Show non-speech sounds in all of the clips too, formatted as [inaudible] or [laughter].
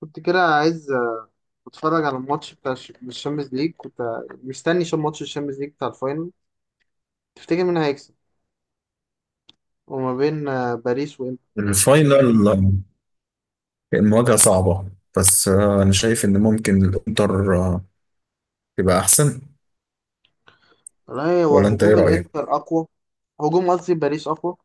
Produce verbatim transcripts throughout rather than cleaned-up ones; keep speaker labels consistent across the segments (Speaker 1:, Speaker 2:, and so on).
Speaker 1: كنت كده عايز اتفرج على الماتش بتاع الش- الشامبيونز ليج. كنت مستني شو ماتش الشامبيونز ليج بتاع الفاينل. تفتكر مين هيكسب؟ وما بين آه، باريس وانتر.
Speaker 2: الفاينل، آه، المواجهة صعبة. بس آه، أنا شايف إن ممكن الإنتر آه، تبقى أحسن.
Speaker 1: لا، هو
Speaker 2: ولا أنت إيه
Speaker 1: هجوم
Speaker 2: رأيك؟
Speaker 1: الانتر اقوى. هجوم قصدي باريس اقوى.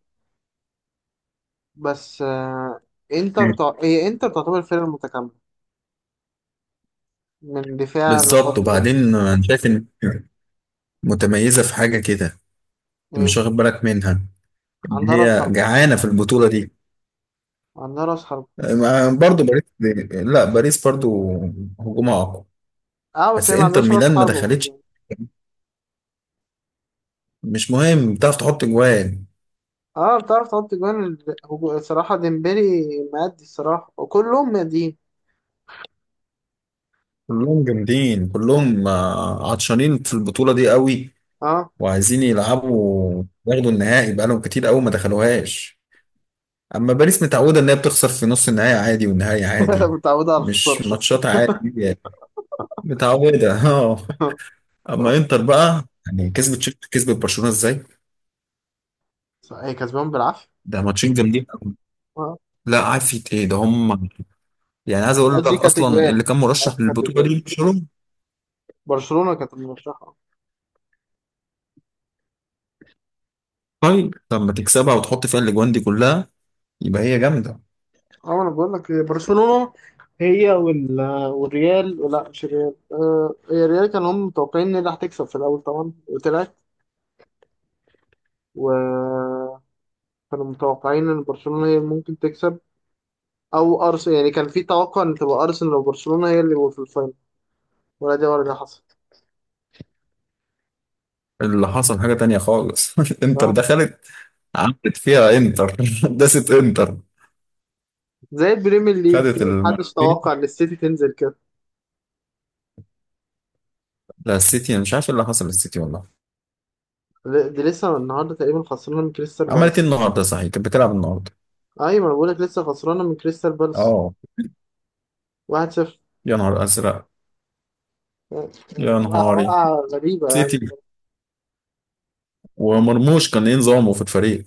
Speaker 1: بس آه، انتر
Speaker 2: مم.
Speaker 1: تع... هي انتر تعتبر فرقة متكاملة من دفاع
Speaker 2: بالظبط.
Speaker 1: لخط وسط.
Speaker 2: وبعدين آه، أنا شايف إن متميزة في حاجة كده. أنت مش
Speaker 1: ايه،
Speaker 2: واخد بالك منها إن
Speaker 1: عندها راس
Speaker 2: هي
Speaker 1: حرب،
Speaker 2: جعانة في البطولة دي.
Speaker 1: عندها راس حرب.
Speaker 2: آه، برضو باريس، لا باريس برضو هجومها أقوى،
Speaker 1: اه، بس
Speaker 2: بس
Speaker 1: هي ما
Speaker 2: إنتر
Speaker 1: عندهاش راس
Speaker 2: ميلان ما
Speaker 1: حرب.
Speaker 2: دخلتش. مش مهم، بتعرف تحط جوان.
Speaker 1: اه، بتعرف تحط جوان، ال- هجو- الصراحة ديمبلي مادي، الصراحة وكلهم ماديين.
Speaker 2: كلهم جامدين، كلهم آه، عطشانين في البطولة دي قوي
Speaker 1: اه.
Speaker 2: وعايزين يلعبوا ياخدوا النهائي، بقالهم كتير قوي ما دخلوهاش. اما باريس متعوده ان هي بتخسر في نص النهائي عادي والنهائي
Speaker 1: [laughs]
Speaker 2: عادي.
Speaker 1: متعودة على الخسارة.
Speaker 2: مش ماتشات عادي يعني. متعوده [laughs] اه.
Speaker 1: [laughs]
Speaker 2: اما انتر بقى يعني كسبت تشيلسي، كسبت برشلونه ازاي.
Speaker 1: هي كسبان بالعافيه.
Speaker 2: ده ماتشين جامدين قوي.
Speaker 1: آه.
Speaker 2: لا عارف ايه ده هم. يعني عايز اقول لك
Speaker 1: قصدي كانت
Speaker 2: اصلا
Speaker 1: اجوال.
Speaker 2: اللي كان مرشح
Speaker 1: قصدي كانت
Speaker 2: للبطوله
Speaker 1: اجوال
Speaker 2: دي برشلونه.
Speaker 1: برشلونه كانت المرشحه.
Speaker 2: طيب لما تكسبها وتحط فيها الاجوان دي كلها، يبقى هي جامده.
Speaker 1: اه، انا بقول لك برشلونه هي وال... والريال. لا، مش الريال، آه هي الريال كانوا هم متوقعين ان هي اللي هتكسب في الاول طبعا، وطلعت. وكانوا متوقعين ان برشلونه هي اللي ممكن تكسب، او ارسنال. يعني كان في توقع ان تبقى ارسنال وبرشلونه هي اللي في الفاينل، ولا دي ولا دي حصلت.
Speaker 2: اللي حصل حاجه تانية خالص [laughs] انتر
Speaker 1: فاهم؟
Speaker 2: دخلت، عملت فيها انتر [laughs] داست انتر،
Speaker 1: زي البريمير ليج
Speaker 2: خدت
Speaker 1: كده محدش توقع
Speaker 2: المرتين
Speaker 1: ان السيتي تنزل كده.
Speaker 2: [laughs] لا السيتي انا مش عارف ايه اللي حصل للسيتي والله.
Speaker 1: دي لسه النهارده تقريبا خسرنا من كريستال
Speaker 2: عملت ايه
Speaker 1: بالاس.
Speaker 2: النهارده؟ صحيح كانت بتلعب النهارده.
Speaker 1: ايوه، ما انا بقولك لسه خسرانه من كريستال بالاس
Speaker 2: اه.
Speaker 1: واحد صفر.
Speaker 2: يا نهار ازرق. يا
Speaker 1: وقعه
Speaker 2: نهاري.
Speaker 1: وقعه غريبه يعني.
Speaker 2: سيتي. ومرموش كان ايه نظامه في الفريق؟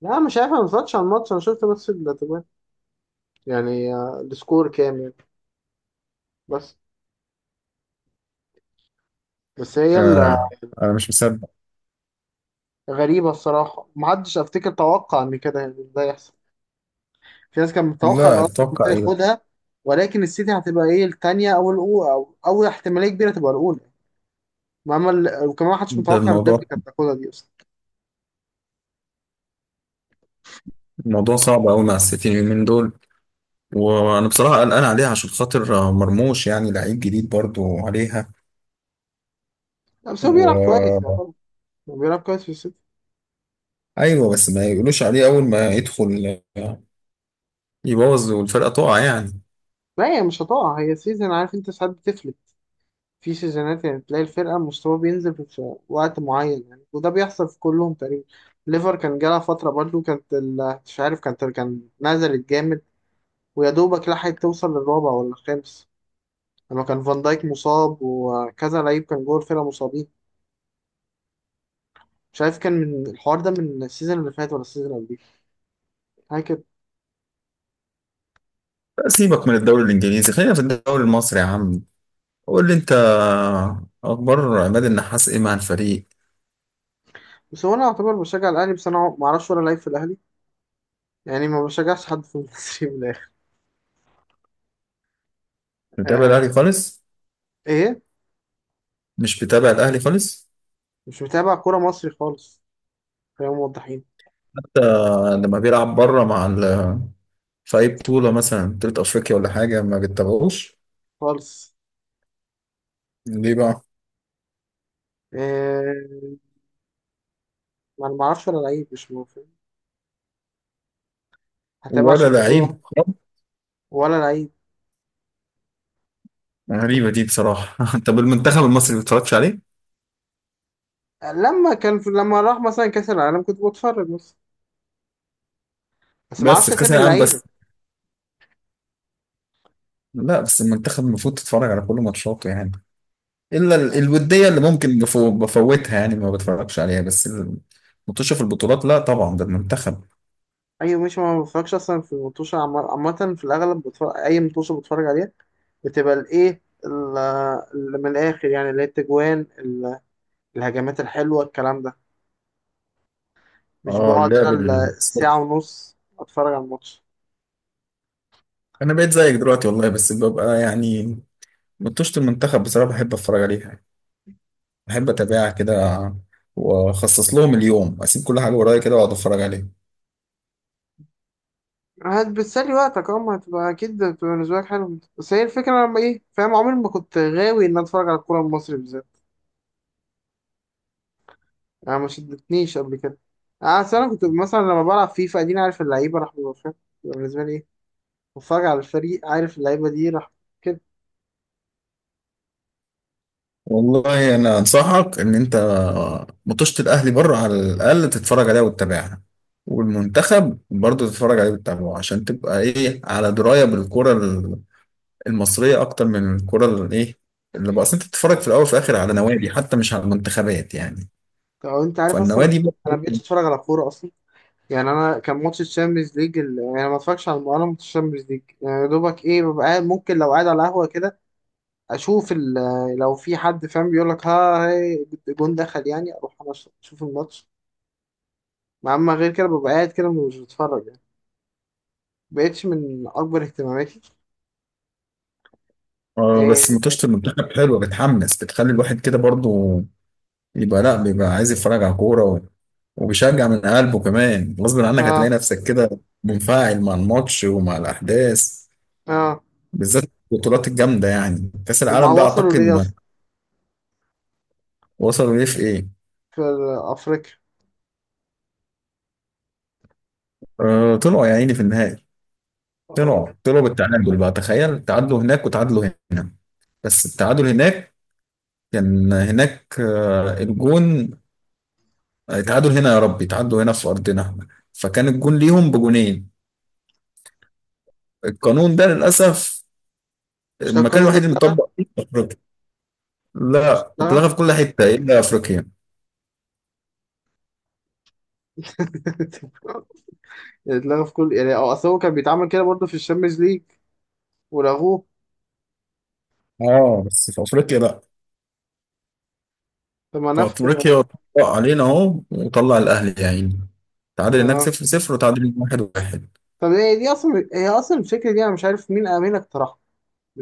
Speaker 1: لا، مش عارف، انا ما اتفرجتش على الماتش. انا شفت بس التجوان. يعني آه، السكور كام يعني. بس بس هي
Speaker 2: آه. انا مش مصدق.
Speaker 1: الغريبه الصراحه. ما حدش افتكر، توقع ان كده يعني ده يحصل. في ناس كانت متوقعه ان
Speaker 2: لا
Speaker 1: ارسنال كنت
Speaker 2: اتوقع ايه.
Speaker 1: هياخدها، ولكن السيتي هتبقى ايه الثانيه او الاولى، او اول احتماليه كبيره تبقى الاولى. ما عمل. وكمان ما حدش
Speaker 2: ده
Speaker 1: متوقع ان ليفربول
Speaker 2: الموضوع،
Speaker 1: كانت تاخدها دي اصلا.
Speaker 2: الموضوع صعب قوي مع السيتي اليومين دول. وانا بصراحه قلقان عليها عشان خاطر آه، مرموش، يعني لعيب جديد برضو عليها.
Speaker 1: لا، بس هو بيلعب كويس
Speaker 2: و،
Speaker 1: يعتبر. هو بيلعب كويس في السيتي.
Speaker 2: ايوه بس ما يقولوش عليه اول ما يدخل آه، يبوظ والفرقه تقع يعني.
Speaker 1: لا، هي مش هتقع. هي سيزون، عارف انت ساعات بتفلت. في سيزونات يعني تلاقي الفرقة مستوى بينزل في وقت معين يعني، وده بيحصل في كلهم تقريبا. ليفر كان جالها فترة برضو، كانت ال- مش عارف، كانت كان نزلت جامد. ويا دوبك لحقت توصل للرابع ولا الخامس، لما كان فان دايك مصاب وكذا لعيب كان جوه الفرقة مصابين. مش عارف كان من الحوار ده، من السيزون اللي فات ولا السيزون اللي قبليه، حاجة كده.
Speaker 2: سيبك من الدوري الانجليزي، خلينا في الدوري المصري يا عم. قول لي انت، اخبار عماد النحاس ايه مع الفريق؟
Speaker 1: بس هو انا اعتبر بشجع الاهلي، بس انا ما اعرفش ولا لعيب في الاهلي. يعني ما بشجعش حد في المصري من الاخر.
Speaker 2: بتتابع الاهلي
Speaker 1: آه.
Speaker 2: خالص؟
Speaker 1: ايه؟
Speaker 2: مش بتابع الاهلي خالص؟
Speaker 1: مش متابع كورة مصري خالص. خلينا موضحين.
Speaker 2: حتى لما بيلعب بره مع ال... في اي بطوله مثلا بطوله افريقيا ولا حاجه ما بتتابعوش؟
Speaker 1: خالص.
Speaker 2: ليه بقى؟
Speaker 1: آه، ما انا ما اعرفش ولا لعيب، مش موافق هتابع
Speaker 2: ولا
Speaker 1: عشان بطولة
Speaker 2: لعيب.
Speaker 1: واحدة. ولا لعيب.
Speaker 2: غريبه دي بصراحه [laughs] طب المنتخب المصري ما بتتفرجش عليه؟
Speaker 1: لما كان في لما راح مثلا كأس العالم كنت بتفرج بس. بس ما
Speaker 2: بس
Speaker 1: اعرفش
Speaker 2: في كاس
Speaker 1: اسامي
Speaker 2: العالم
Speaker 1: اللعيبة.
Speaker 2: بس؟ لا بس المنتخب المفروض تتفرج على كل ماتشاته يعني. الا ال-
Speaker 1: آه.
Speaker 2: الوديه اللي ممكن بفو- بفوتها، يعني ما بتفرجش عليها بس. المطوشه في البطولات لا طبعا ده المنتخب.
Speaker 1: ايوه ماشي، ما بتفرجش اصلا. في المطوشة عامة في الاغلب بتفرج، اي مطوشة بتفرج عليها. بتبقى الايه ال- اللي من الاخر يعني، اللي هي التجوان ال- الهجمات الحلوة الكلام ده. مش
Speaker 2: اه
Speaker 1: بقعد
Speaker 2: اللعب
Speaker 1: انا ال-
Speaker 2: ال-
Speaker 1: الساعة ونص اتفرج على الماتش.
Speaker 2: انا بقيت زيك دلوقتي والله، بس ببقى يعني مطوشه المنتخب بصراحه بحب اتفرج عليها، بحب اتابعها كده، واخصص لهم اليوم، اسيب كل حاجه ورايا كده واقعد اتفرج عليها.
Speaker 1: هتبتسلي وقتك، اه. ما هتبقى اكيد هتبقى بالنسبه لك حلو، بس هي الفكره لما ايه، فاهم؟ عمري ما كنت غاوي ان أنا اتفرج على الكوره المصري بالذات. يعني ما شدتنيش قبل كده. انا أصل انا كنت مثلا لما بلعب فيفا، اديني عارف اللعيبه راح، ببقى فاهم. بيبقى بالنسبه لي ايه، بتفرج على الفريق عارف اللعيبه دي راح كده.
Speaker 2: والله انا انصحك ان انت مطوشه الاهلي بره على الاقل تتفرج عليها وتتابعها، والمنتخب برضه تتفرج عليه وتتابعه عشان تبقى ايه على درايه بالكره المصريه اكتر من الكره الايه اللي بقى. أصل انت بتتفرج في الاول وفي الاخر على نوادي، حتى مش على منتخبات يعني.
Speaker 1: او انت عارف اصلا
Speaker 2: فالنوادي
Speaker 1: انا بقيتش
Speaker 2: برضه [laughs]
Speaker 1: اتفرج على كوره اصلا. يعني انا كان ماتش الشامبيونز ليج ال... يعني ما اتفرجش على انا ماتش الشامبيونز ليج يعني. يا دوبك ايه، ببقى قاعد ممكن لو قاعد على قهوه كده اشوف ال- لو في حد فاهم بيقول لك ها هي، جون دخل، يعني اروح انا أش- اشوف الماتش. مع اما غير كده، ببقى قاعد كده مش بتفرج يعني. مبقتش من اكبر اهتماماتي.
Speaker 2: آه،
Speaker 1: إيه؟
Speaker 2: بس ماتشات المنتخب حلوه، بتحمس، بتخلي الواحد كده برضه يبقى، لا بيبقى عايز يتفرج على كوره و- وبيشجع من قلبه كمان، غصب عنك
Speaker 1: اه.
Speaker 2: هتلاقي نفسك كده منفعل مع الماتش ومع الاحداث،
Speaker 1: اه.
Speaker 2: بالذات البطولات الجامده يعني كاس
Speaker 1: اما
Speaker 2: العالم ده،
Speaker 1: وصلوا
Speaker 2: اعتقد
Speaker 1: ليه
Speaker 2: ما
Speaker 1: اصلا؟
Speaker 2: وصلوا ليه في ايه.
Speaker 1: في افريقيا.
Speaker 2: آه طلعوا يا عيني في النهائي.
Speaker 1: اه.
Speaker 2: طلعوا طلعوا بالتعادل بقى، تخيل، تعادلوا هناك وتعادلوا هنا. بس التعادل هناك كان هناك آه، الجون، آه، تعادل هنا، يا ربي تعادلوا هنا في أرضنا، فكان الجون ليهم بجونين. القانون ده للأسف
Speaker 1: مش ده
Speaker 2: المكان
Speaker 1: القانون ده
Speaker 2: الوحيد اللي
Speaker 1: اتلغى؟
Speaker 2: مطبق فيه في أفريقيا.
Speaker 1: مش
Speaker 2: لا
Speaker 1: اتلغى.
Speaker 2: اتلغى في كل حتة إلا أفريقيا.
Speaker 1: [laughs] اتلغى في كل، يعني اه، اصل هو كان بيتعمل كده برضه في الشامبيونز ليج ولغوه.
Speaker 2: اه بس في أفريقيا لا،
Speaker 1: طب ما
Speaker 2: في
Speaker 1: نفخ، اه.
Speaker 2: أفريقيا طبق علينا أهو، وطلع الأهلي يا عيني. تعادل هناك
Speaker 1: آه.
Speaker 2: صفر صفر وتعادل هنا واحد واحد.
Speaker 1: طب هي دي اصلا، هي اصلا الفكره دي انا مش عارف مين مين اقترحها.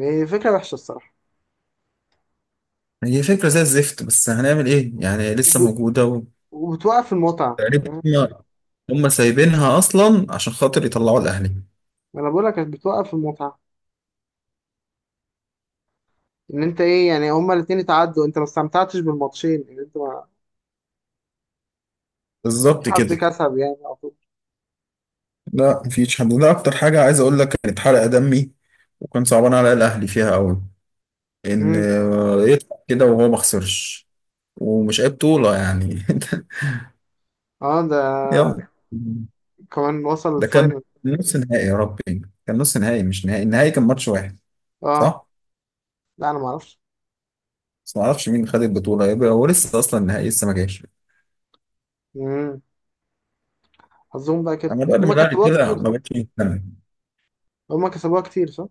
Speaker 1: هي فكره وحشه الصراحه،
Speaker 2: هي فكرة زي الزفت، بس هنعمل إيه يعني، لسه موجودة.
Speaker 1: وبتوقف المتعة،
Speaker 2: وتقريبا
Speaker 1: فاهم؟
Speaker 2: هم هم سايبينها أصلا عشان خاطر يطلعوا الأهلي.
Speaker 1: ما انا بقول لك بتوقف المتعة. ان انت ايه يعني، هما الاتنين اتعدوا، انت ما استمتعتش بالماتشين ان انت ما مش
Speaker 2: بالظبط
Speaker 1: حد
Speaker 2: كده.
Speaker 1: كسب يعني على طول.
Speaker 2: لا مفيش حد. ده اكتر حاجه عايز اقول لك كانت حرقه دمي، وكان صعبان على الاهلي فيها قوي ان
Speaker 1: مم.
Speaker 2: آه، يطلع كده وهو ما خسرش. ومش اي بطوله يعني [laughs]
Speaker 1: اه، ده
Speaker 2: يلا.
Speaker 1: كمان وصل
Speaker 2: ده كان
Speaker 1: الفاينل.
Speaker 2: نص نهائي يا ربي، كان نص نهائي مش نهائي، النهائي كان ماتش واحد.
Speaker 1: اه.
Speaker 2: صح.
Speaker 1: لا، انا ما اعرفش.
Speaker 2: بس ما اعرفش مين خد البطوله، يبقى هو لسه اصلا النهائي لسه ما جاش.
Speaker 1: مم. حظهم بقى كده،
Speaker 2: انا بقى لما
Speaker 1: هما
Speaker 2: الاهلي
Speaker 1: كسبوها
Speaker 2: كده
Speaker 1: كتير
Speaker 2: ما
Speaker 1: صح.
Speaker 2: بقتش مهتم.
Speaker 1: هما كسبوها كتير صح.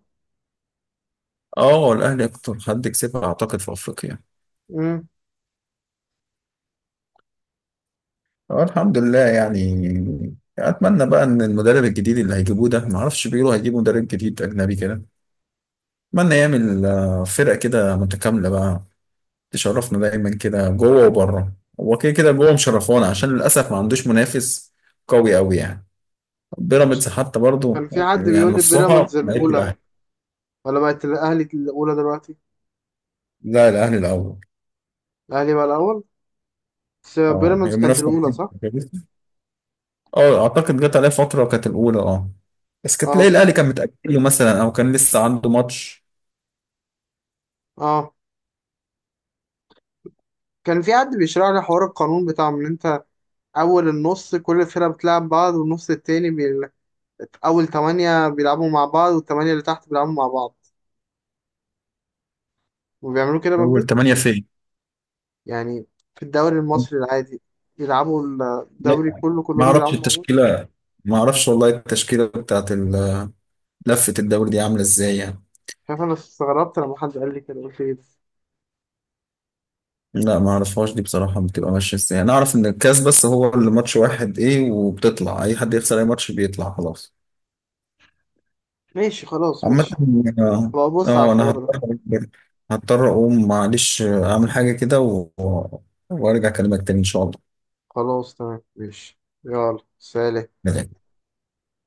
Speaker 2: اه الاهلي اكتر حد كسبها اعتقد في افريقيا.
Speaker 1: مم.
Speaker 2: اه الحمد لله يعني. اتمنى بقى ان المدرب الجديد اللي هيجيبوه ده، ما اعرفش بيقولوا هيجيبوا مدرب جديد اجنبي كده، اتمنى يعمل آه، فرقه كده متكامله بقى، تشرفنا دايما كده جوه وبره. هو كده كده جوه مشرفونا، عشان للاسف ما عندوش منافس قوي قوي يعني. بيراميدز
Speaker 1: مش،
Speaker 2: حتى برضو
Speaker 1: كان في حد
Speaker 2: يعني
Speaker 1: بيقول لي
Speaker 2: نصها
Speaker 1: بيراميدز
Speaker 2: بقت
Speaker 1: الاولى،
Speaker 2: الاهلي.
Speaker 1: ولا بقت الاهلي الاولى دلوقتي؟
Speaker 2: لا الاهلي الاول.
Speaker 1: الاهلي بقى الاول. بس
Speaker 2: اه هي
Speaker 1: بيراميدز كانت
Speaker 2: المنافسه.
Speaker 1: الاولى صح؟
Speaker 2: اه اعتقد جت عليه فتره كانت الاولى، اه بس كانت
Speaker 1: اه.
Speaker 2: تلاقي الاهلي كان متاجل له مثلا او كان لسه عنده ماتش.
Speaker 1: اه. كان في حد بيشرح لي حوار القانون بتاع ان انت، أول النص كل فرقة بتلعب بعض، والنص التاني بي... أول تمانية بيلعبوا مع بعض، والتمانية اللي تحت بيلعبوا مع بعض، وبيعملوا كده بقى
Speaker 2: اول
Speaker 1: بجد
Speaker 2: تمانية فين؟
Speaker 1: يعني في الدوري المصري العادي، بيلعبوا
Speaker 2: لا
Speaker 1: الدوري كله
Speaker 2: ما
Speaker 1: كلهم
Speaker 2: اعرفش
Speaker 1: بيلعبوا مع بعض.
Speaker 2: التشكيله، ما اعرفش والله التشكيله بتاعت ال- لفه الدوري دي عامله ازاي يعني.
Speaker 1: شايف أنا استغربت لما حد قال لي كده قلت إيه ده.
Speaker 2: لا ما اعرفهاش دي بصراحه، بتبقى ماشيه ازاي، انا اعرف ان الكاس بس هو اللي ماتش واحد ايه وبتطلع، اي حد يخسر اي ماتش بيطلع خلاص.
Speaker 1: ماشي خلاص،
Speaker 2: عامه.
Speaker 1: ماشي.
Speaker 2: اه.
Speaker 1: بقى بص على
Speaker 2: آه، انا
Speaker 1: الحوار ده.
Speaker 2: هضطر، هضطر اقوم معلش، آه، اعمل حاجه كده و... وارجع اكلمك تاني ان شاء
Speaker 1: خلاص تمام ماشي، يلا سلام.
Speaker 2: الله.